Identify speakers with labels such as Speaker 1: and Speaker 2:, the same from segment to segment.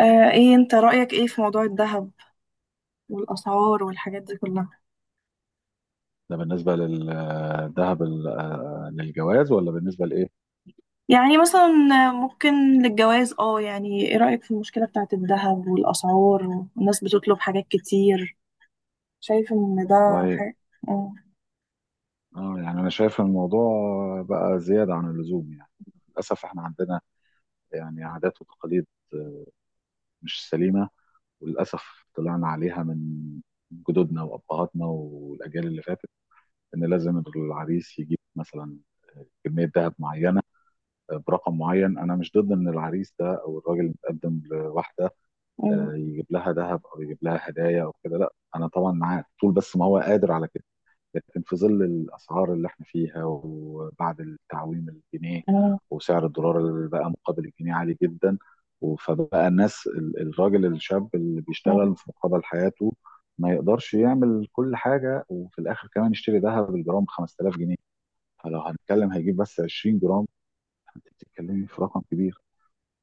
Speaker 1: ايه، انت رأيك ايه في موضوع الذهب والأسعار والحاجات دي كلها؟
Speaker 2: ده بالنسبة للذهب للجواز ولا بالنسبة لإيه؟
Speaker 1: يعني مثلا، ممكن للجواز، يعني ايه رأيك في المشكلة بتاعت الذهب والأسعار والناس بتطلب حاجات كتير؟ شايف ان ده
Speaker 2: والله،
Speaker 1: حاجة. مم.
Speaker 2: اه يعني أنا شايف الموضوع بقى زيادة عن اللزوم، يعني للأسف إحنا عندنا يعني عادات وتقاليد مش سليمة، وللأسف طلعنا عليها من جدودنا وأبهاتنا والأجيال اللي فاتت، إن لازم العريس يجيب مثلا كمية ذهب معينة برقم معين. أنا مش ضد إن العريس ده أو الراجل المتقدم لواحدة
Speaker 1: مم.
Speaker 2: يجيب لها ذهب او يجيب لها هدايا او كده، لا انا طبعا معاه طول، بس ما هو قادر على كده. لكن في ظل الاسعار اللي احنا فيها وبعد التعويم الجنيه
Speaker 1: مم.
Speaker 2: وسعر الدولار اللي بقى مقابل الجنيه عالي جدا، فبقى الناس الراجل الشاب اللي
Speaker 1: مم.
Speaker 2: بيشتغل في مقابل حياته ما يقدرش يعمل كل حاجه، وفي الاخر كمان يشتري ذهب الجرام 5000 جنيه. فلو هنتكلم هيجيب بس 20 جرام، انت بتتكلمي في رقم كبير.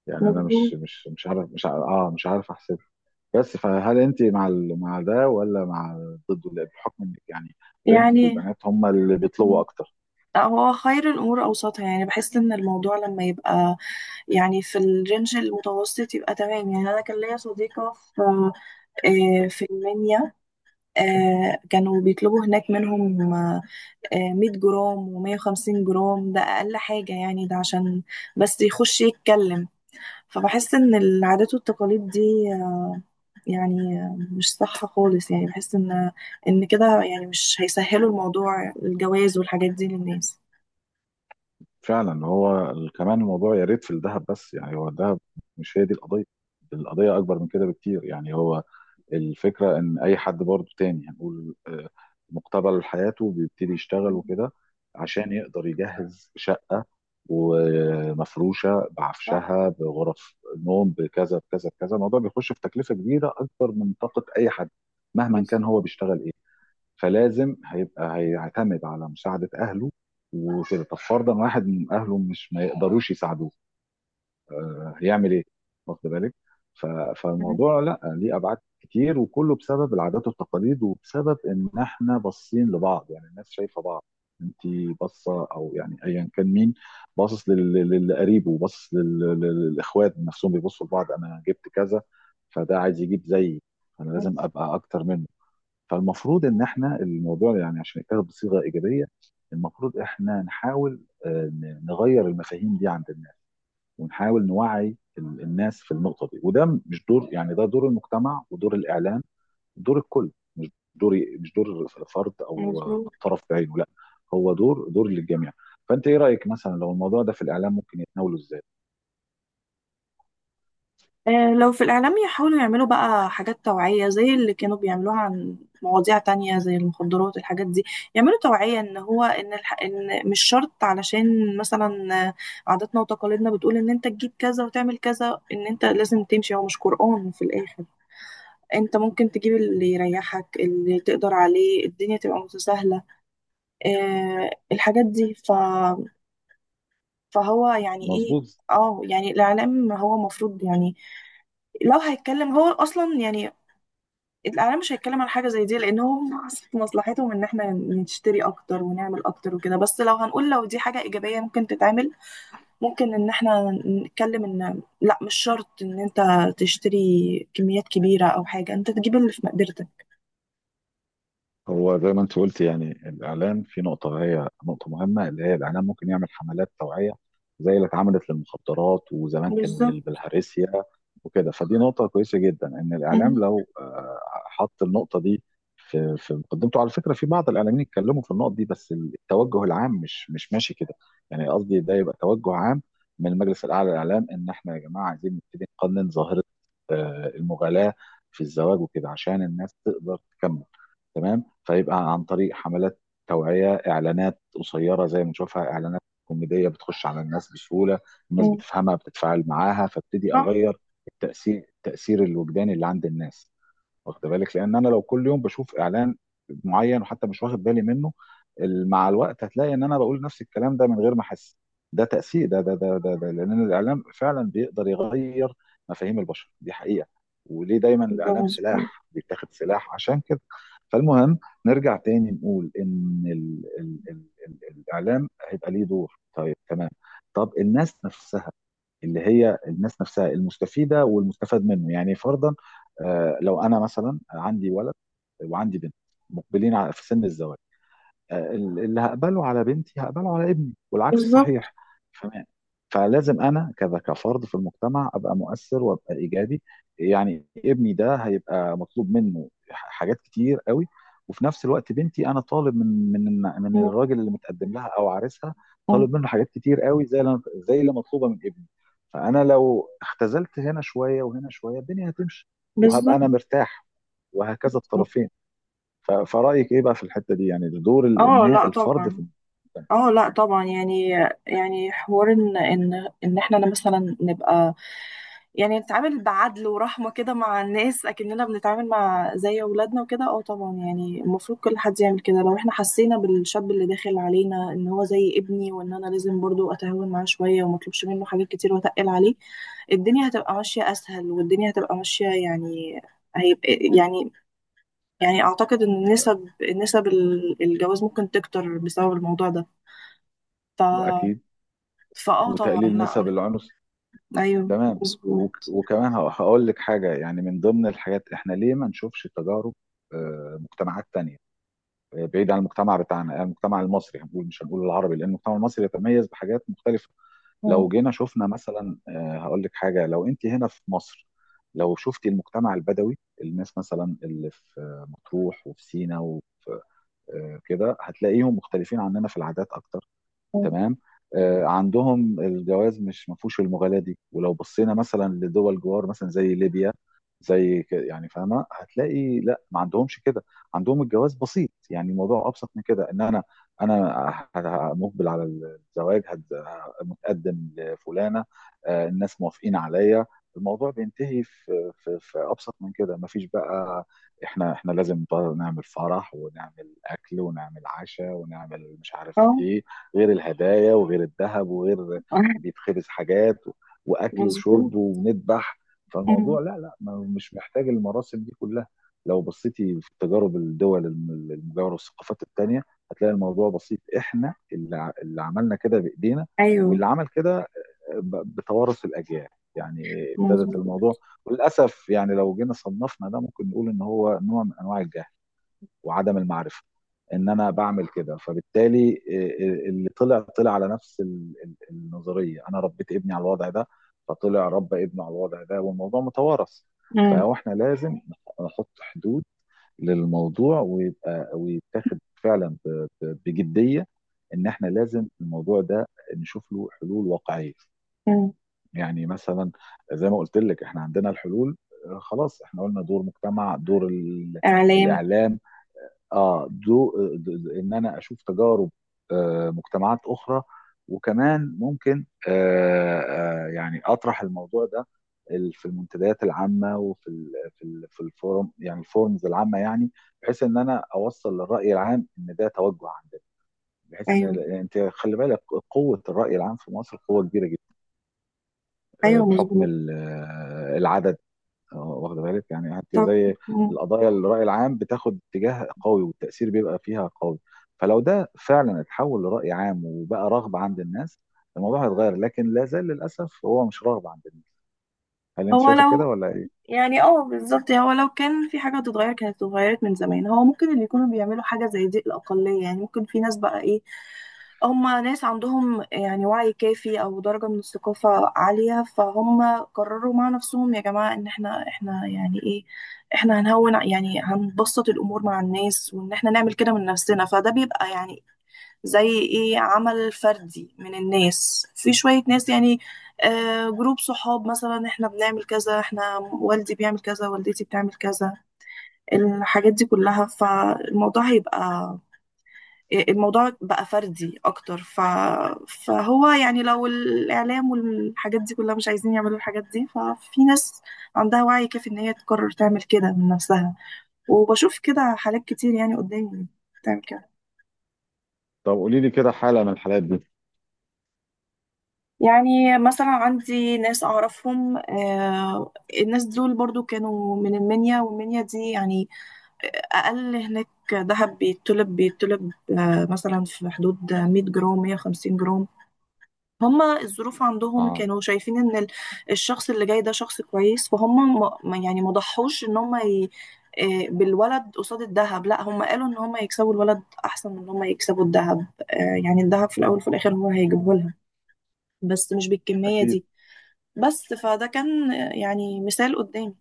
Speaker 2: يعني انا
Speaker 1: مظبوط.
Speaker 2: مش مش مش عارف مش عارف اه مش عارف. بس فهل انت مع مع ده ولا مع ضده؟ لا، بحكم انك يعني بنت،
Speaker 1: يعني.
Speaker 2: والبنات هم اللي بيطلبوا
Speaker 1: مم.
Speaker 2: اكتر.
Speaker 1: لا، هو خير الأمور أوسطها، يعني بحس إن الموضوع لما يبقى يعني في الرينج المتوسط يبقى تمام. يعني أنا كان ليا صديقة في في المنيا. كانوا بيطلبوا هناك منهم، 100 جرام و150 جرام. ده أقل حاجة يعني، ده عشان بس يخش يتكلم. فبحس إن العادات والتقاليد دي آه، يعني مش صح خالص. يعني بحس إن كده يعني مش هيسهلوا الموضوع الجواز والحاجات دي للناس.
Speaker 2: فعلا هو كمان الموضوع يا ريت في الذهب بس، يعني هو الذهب مش هي دي القضيه، القضيه اكبر من كده بكتير. يعني هو الفكرة إن أي حد برضو تاني هنقول مقتبل حياته بيبتدي يشتغل
Speaker 1: مم.
Speaker 2: وكده عشان يقدر يجهز شقة ومفروشة
Speaker 1: صح.
Speaker 2: بعفشها بغرف نوم بكذا بكذا بكذا. الموضوع بيخش في تكلفة كبيرة أكبر من طاقة أي حد مهما
Speaker 1: بس
Speaker 2: كان هو بيشتغل إيه. فلازم هيبقى هيعتمد على مساعدة أهله وكده. طب فرضا واحد من أهله مش ما يقدروش يساعدوه، هيعمل ايه؟ واخد بالك؟ ف-
Speaker 1: مم.
Speaker 2: فالموضوع لا، ليه ابعاد كتير، وكله بسبب العادات والتقاليد، وبسبب ان احنا باصين لبعض. يعني الناس شايفه بعض، انت باصه او يعني ايا كان مين، باصص لقريبه، وباصص للاخوات نفسهم بيبصوا لبعض. انا جبت كذا، فده عايز يجيب زيي، فانا لازم ابقى اكتر منه. فالمفروض ان احنا الموضوع يعني عشان يتاخد بصيغه ايجابيه، المفروض احنا نحاول نغير المفاهيم دي عند الناس، ونحاول نوعي الناس في النقطه دي. وده مش دور، يعني ده دور المجتمع ودور الاعلام، دور الكل. مش دور، مش دور فرد او
Speaker 1: مظبوط.
Speaker 2: طرف بعينه، لا، هو دور، دور للجميع. فانت ايه رايك مثلا لو الموضوع ده في الاعلام ممكن يتناوله ازاي؟
Speaker 1: لو في الإعلام يحاولوا يعملوا بقى حاجات توعية زي اللي كانوا بيعملوها عن مواضيع تانية زي المخدرات، الحاجات دي. يعملوا توعية إن هو إن, الح... إن مش شرط، علشان مثلا عاداتنا وتقاليدنا بتقول إن أنت تجيب كذا وتعمل كذا، إن أنت لازم تمشي، هو مش قرآن في الآخر. أنت ممكن تجيب اللي يريحك، اللي تقدر عليه، الدنيا تبقى متساهلة، الحاجات دي فهو يعني إيه؟
Speaker 2: مظبوط.
Speaker 1: اه يعني الإعلام هو مفروض، يعني لو هيتكلم هو اصلا يعني، الاعلام مش هيتكلم عن حاجه زي دي، لان هو في مصلحتهم ان احنا نشتري اكتر ونعمل اكتر وكده. بس لو هنقول لو دي حاجه ايجابيه ممكن تتعمل، ممكن ان احنا نتكلم ان لا، مش شرط ان انت تشتري كميات كبيره او حاجه، انت تجيب اللي في مقدرتك.
Speaker 2: هو زي ما انت قلت، يعني الاعلام في نقطه، هي نقطه مهمه، اللي هي الاعلام ممكن يعمل حملات توعيه زي اللي اتعملت للمخدرات وزمان كان
Speaker 1: بالظبط.
Speaker 2: للبلهارسيا وكده. فدي نقطه كويسه جدا، ان
Speaker 1: مم.
Speaker 2: الاعلام لو حط النقطه دي في مقدمته. على فكره في بعض الاعلاميين اتكلموا في النقط دي، بس التوجه العام مش ماشي كده. يعني قصدي ده يبقى توجه عام من المجلس الاعلى للاعلام، ان احنا يا جماعه عايزين نبتدي نقنن ظاهره المغالاه في الزواج وكده، عشان الناس تقدر تكمل. تمام. فيبقى عن طريق حملات توعية، إعلانات قصيرة زي ما نشوفها، إعلانات كوميدية بتخش على الناس بسهولة، الناس
Speaker 1: مم.
Speaker 2: بتفهمها بتتفاعل معاها، فابتدي
Speaker 1: صح.
Speaker 2: أغير التأثير الوجداني اللي عند الناس. واخد بالك؟ لان انا لو كل يوم بشوف اعلان معين، وحتى مش واخد بالي منه، مع الوقت هتلاقي ان انا بقول نفس الكلام ده من غير ما احس. ده تاثير، ده لان الاعلام فعلا بيقدر يغير مفاهيم البشر، دي حقيقه. وليه دايما
Speaker 1: ده
Speaker 2: الاعلام
Speaker 1: مظبوط.
Speaker 2: سلاح، بيتاخد سلاح عشان كده. فالمهم نرجع تاني نقول ان ال الاعلام هيبقى ليه دور. طيب تمام. طب الناس نفسها، اللي هي الناس نفسها المستفيده والمستفاد منه، يعني فرضا لو انا مثلا عندي ولد وعندي بنت مقبلين في سن الزواج، اللي هقبله على بنتي هقبله على ابني، والعكس
Speaker 1: بالظبط.
Speaker 2: صحيح. فما- فلازم انا كذا كفرد في المجتمع ابقى مؤثر وابقى ايجابي. يعني ابني ده هيبقى مطلوب منه حاجات كتير قوي، وفي نفس الوقت بنتي انا طالب من
Speaker 1: مم.
Speaker 2: الراجل اللي متقدم لها او عريسها،
Speaker 1: مم.
Speaker 2: طالب منه حاجات كتير قوي زي زي اللي مطلوبه من ابني. فانا لو اختزلت هنا شويه وهنا شويه، الدنيا هتمشي، وهبقى
Speaker 1: بالظبط.
Speaker 2: انا مرتاح، وهكذا الطرفين. فرأيك ايه بقى في الحتة دي؟ يعني ده دور
Speaker 1: اه لا
Speaker 2: الفرد
Speaker 1: طبعا
Speaker 2: في.
Speaker 1: اه لا طبعا يعني، يعني حوار ان احنا مثلا نبقى، يعني نتعامل بعدل ورحمة كده مع الناس، أكننا بنتعامل مع زي أولادنا وكده. اه طبعا يعني المفروض كل حد يعمل كده، لو احنا حسينا بالشاب اللي داخل علينا إن هو زي ابني، وإن أنا لازم برضو أتهاون معاه شوية ومطلبش منه حاجات كتير وأتقل عليه. الدنيا هتبقى ماشية أسهل، والدنيا هتبقى ماشية، يعني هيبقى، يعني يعني أعتقد إن نسب الجواز ممكن تكتر بسبب الموضوع ده. ف
Speaker 2: اكيد.
Speaker 1: فاه طبعا
Speaker 2: وتقليل نسب
Speaker 1: لأ.
Speaker 2: العنف.
Speaker 1: أيوه.
Speaker 2: تمام.
Speaker 1: مظبوط.
Speaker 2: وكمان هقول لك حاجة، يعني من ضمن الحاجات احنا ليه ما نشوفش تجارب مجتمعات تانية، بعيد عن المجتمع بتاعنا، المجتمع المصري، هنقول مش هنقول العربي لان المجتمع المصري يتميز بحاجات مختلفة.
Speaker 1: اه.
Speaker 2: لو جينا شفنا مثلا، هقول لك حاجة، لو انت هنا في مصر، لو شفتي المجتمع البدوي، الناس مثلا اللي في مطروح وفي سينا، كده هتلاقيهم مختلفين عننا في العادات اكتر. تمام. عندهم الجواز مش، ما فيهوش المغالاة دي. ولو بصينا مثلا لدول جوار مثلا زي ليبيا، يعني فاهمه، هتلاقي لا، ما عندهمش كده، عندهم الجواز بسيط. يعني الموضوع ابسط من كده، ان انا انا مقبل على الزواج، متقدم لفلانه، الناس موافقين عليا، الموضوع بينتهي في في ابسط من كده. ما فيش بقى احنا لازم نعمل فرح، ونعمل اكل، ونعمل عشاء، ونعمل مش
Speaker 1: اه.
Speaker 2: عارف
Speaker 1: آه.
Speaker 2: ايه، غير الهدايا وغير الذهب وغير بيتخبز حاجات، واكل
Speaker 1: مظبوط.
Speaker 2: وشرب ونذبح.
Speaker 1: أمم.
Speaker 2: فالموضوع لا، مش محتاج المراسم دي كلها. لو بصيتي في تجارب الدول المجاوره والثقافات التانيه، هتلاقي الموضوع بسيط. احنا اللي اللي عملنا كده بايدينا،
Speaker 1: ايوه.
Speaker 2: واللي عمل كده بتوارث الاجيال، يعني ابتدت
Speaker 1: مظبوط.
Speaker 2: الموضوع. وللاسف يعني لو جينا صنفنا ده، ممكن نقول ان هو نوع من انواع الجهل وعدم المعرفه. ان انا بعمل كده، فبالتالي اللي طلع طلع على نفس النظريه، انا ربيت ابني على الوضع ده، فطلع ربى ابنه على الوضع ده، والموضوع متوارث.
Speaker 1: أمم.
Speaker 2: فاحنا لازم نحط حدود للموضوع، ويبقى ويتاخد فعلا بجديه، ان احنا لازم الموضوع ده نشوف له حلول واقعيه.
Speaker 1: أمم.
Speaker 2: يعني مثلا زي ما قلت لك احنا عندنا الحلول. خلاص احنا قلنا دور مجتمع، دور
Speaker 1: اعلام.
Speaker 2: الاعلام، اه دو، ان انا اشوف تجارب مجتمعات اخرى. وكمان ممكن يعني اطرح الموضوع ده في المنتديات العامه، وفي ال في ال في الفورم، يعني الفورمز العامه، يعني بحيث ان انا اوصل للراي العام ان ده توجه عندنا. بحيث ان
Speaker 1: ايوه.
Speaker 2: انت خلي بالك، قوه الراي العام في مصر قوه كبيره جدا،
Speaker 1: ايوه.
Speaker 2: بحكم
Speaker 1: مظبوط.
Speaker 2: العدد. اه واخده بالك؟ يعني حتى
Speaker 1: طب.
Speaker 2: زي
Speaker 1: أمم.
Speaker 2: القضايا، الرأي العام بتاخد اتجاه قوي، والتأثير بيبقى فيها قوي. فلو ده فعلا اتحول لرأي عام وبقى رغبة عند الناس، الموضوع هيتغير. لكن لا زال للأسف هو مش رغبة عند الناس. هل انت
Speaker 1: هو
Speaker 2: شايفة كده
Speaker 1: لو
Speaker 2: ولا ايه؟
Speaker 1: يعني اه بالظبط، هو لو كان في حاجه تتغير كانت اتغيرت من زمان. هو ممكن اللي يكونوا بيعملوا حاجه زي دي الاقليه، يعني ممكن في ناس بقى ايه، هم ناس عندهم يعني وعي كافي او درجه من الثقافه عاليه، فهم قرروا مع نفسهم، يا جماعه ان احنا يعني ايه، احنا هنهون يعني، هنبسط الامور مع الناس وان احنا نعمل كده من نفسنا، فده بيبقى يعني زي ايه، عمل فردي من الناس. في شوية ناس يعني، جروب صحاب مثلا، احنا بنعمل كذا، احنا والدي بيعمل كذا، والدتي بتعمل كذا، الحاجات دي كلها، فالموضوع هيبقى، الموضوع بقى فردي اكتر فهو يعني لو الاعلام والحاجات دي كلها مش عايزين يعملوا الحاجات دي، ففي ناس عندها وعي كافي ان هي تقرر تعمل كده من نفسها، وبشوف كده حالات كتير يعني قدامي بتعمل كده.
Speaker 2: طب قولي لي كده حالة من الحالات دي.
Speaker 1: يعني مثلا عندي ناس أعرفهم، الناس دول برضو كانوا من المنيا، والمنيا دي يعني أقل هناك ذهب بيتطلب مثلا في حدود 100 جرام، 150 جرام. هما الظروف عندهم
Speaker 2: اه
Speaker 1: كانوا شايفين إن الشخص اللي جاي ده شخص كويس، فهم يعني ما ضحوش إن هما ي... آه، بالولد قصاد الذهب. لا، هم قالوا إن هما يكسبوا الولد أحسن من إن هما يكسبوا الذهب. يعني الذهب في الأول وفي الآخر هو هيجيبه لها، بس مش بالكمية
Speaker 2: اكيد.
Speaker 1: دي. بس فده كان يعني مثال قدامي.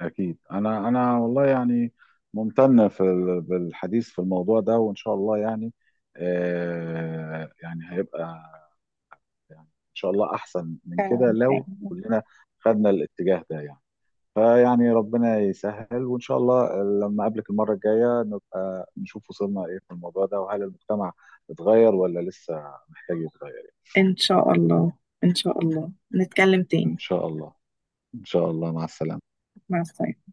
Speaker 2: اكيد انا، انا والله يعني ممتن بالحديث في الموضوع ده، وان شاء الله يعني هيبقى يعني ان شاء الله احسن من كده
Speaker 1: فعلا.
Speaker 2: لو كلنا خدنا الاتجاه ده يعني. فيعني ربنا يسهل، وان شاء الله لما اقابلك المره الجايه نبقى نشوف وصلنا ايه في الموضوع ده، وهل المجتمع اتغير ولا لسه محتاج يتغير يعني.
Speaker 1: إن شاء الله. إن شاء الله نتكلم تاني.
Speaker 2: ان شاء الله. ان شاء الله، مع السلامه.
Speaker 1: مع السلامة.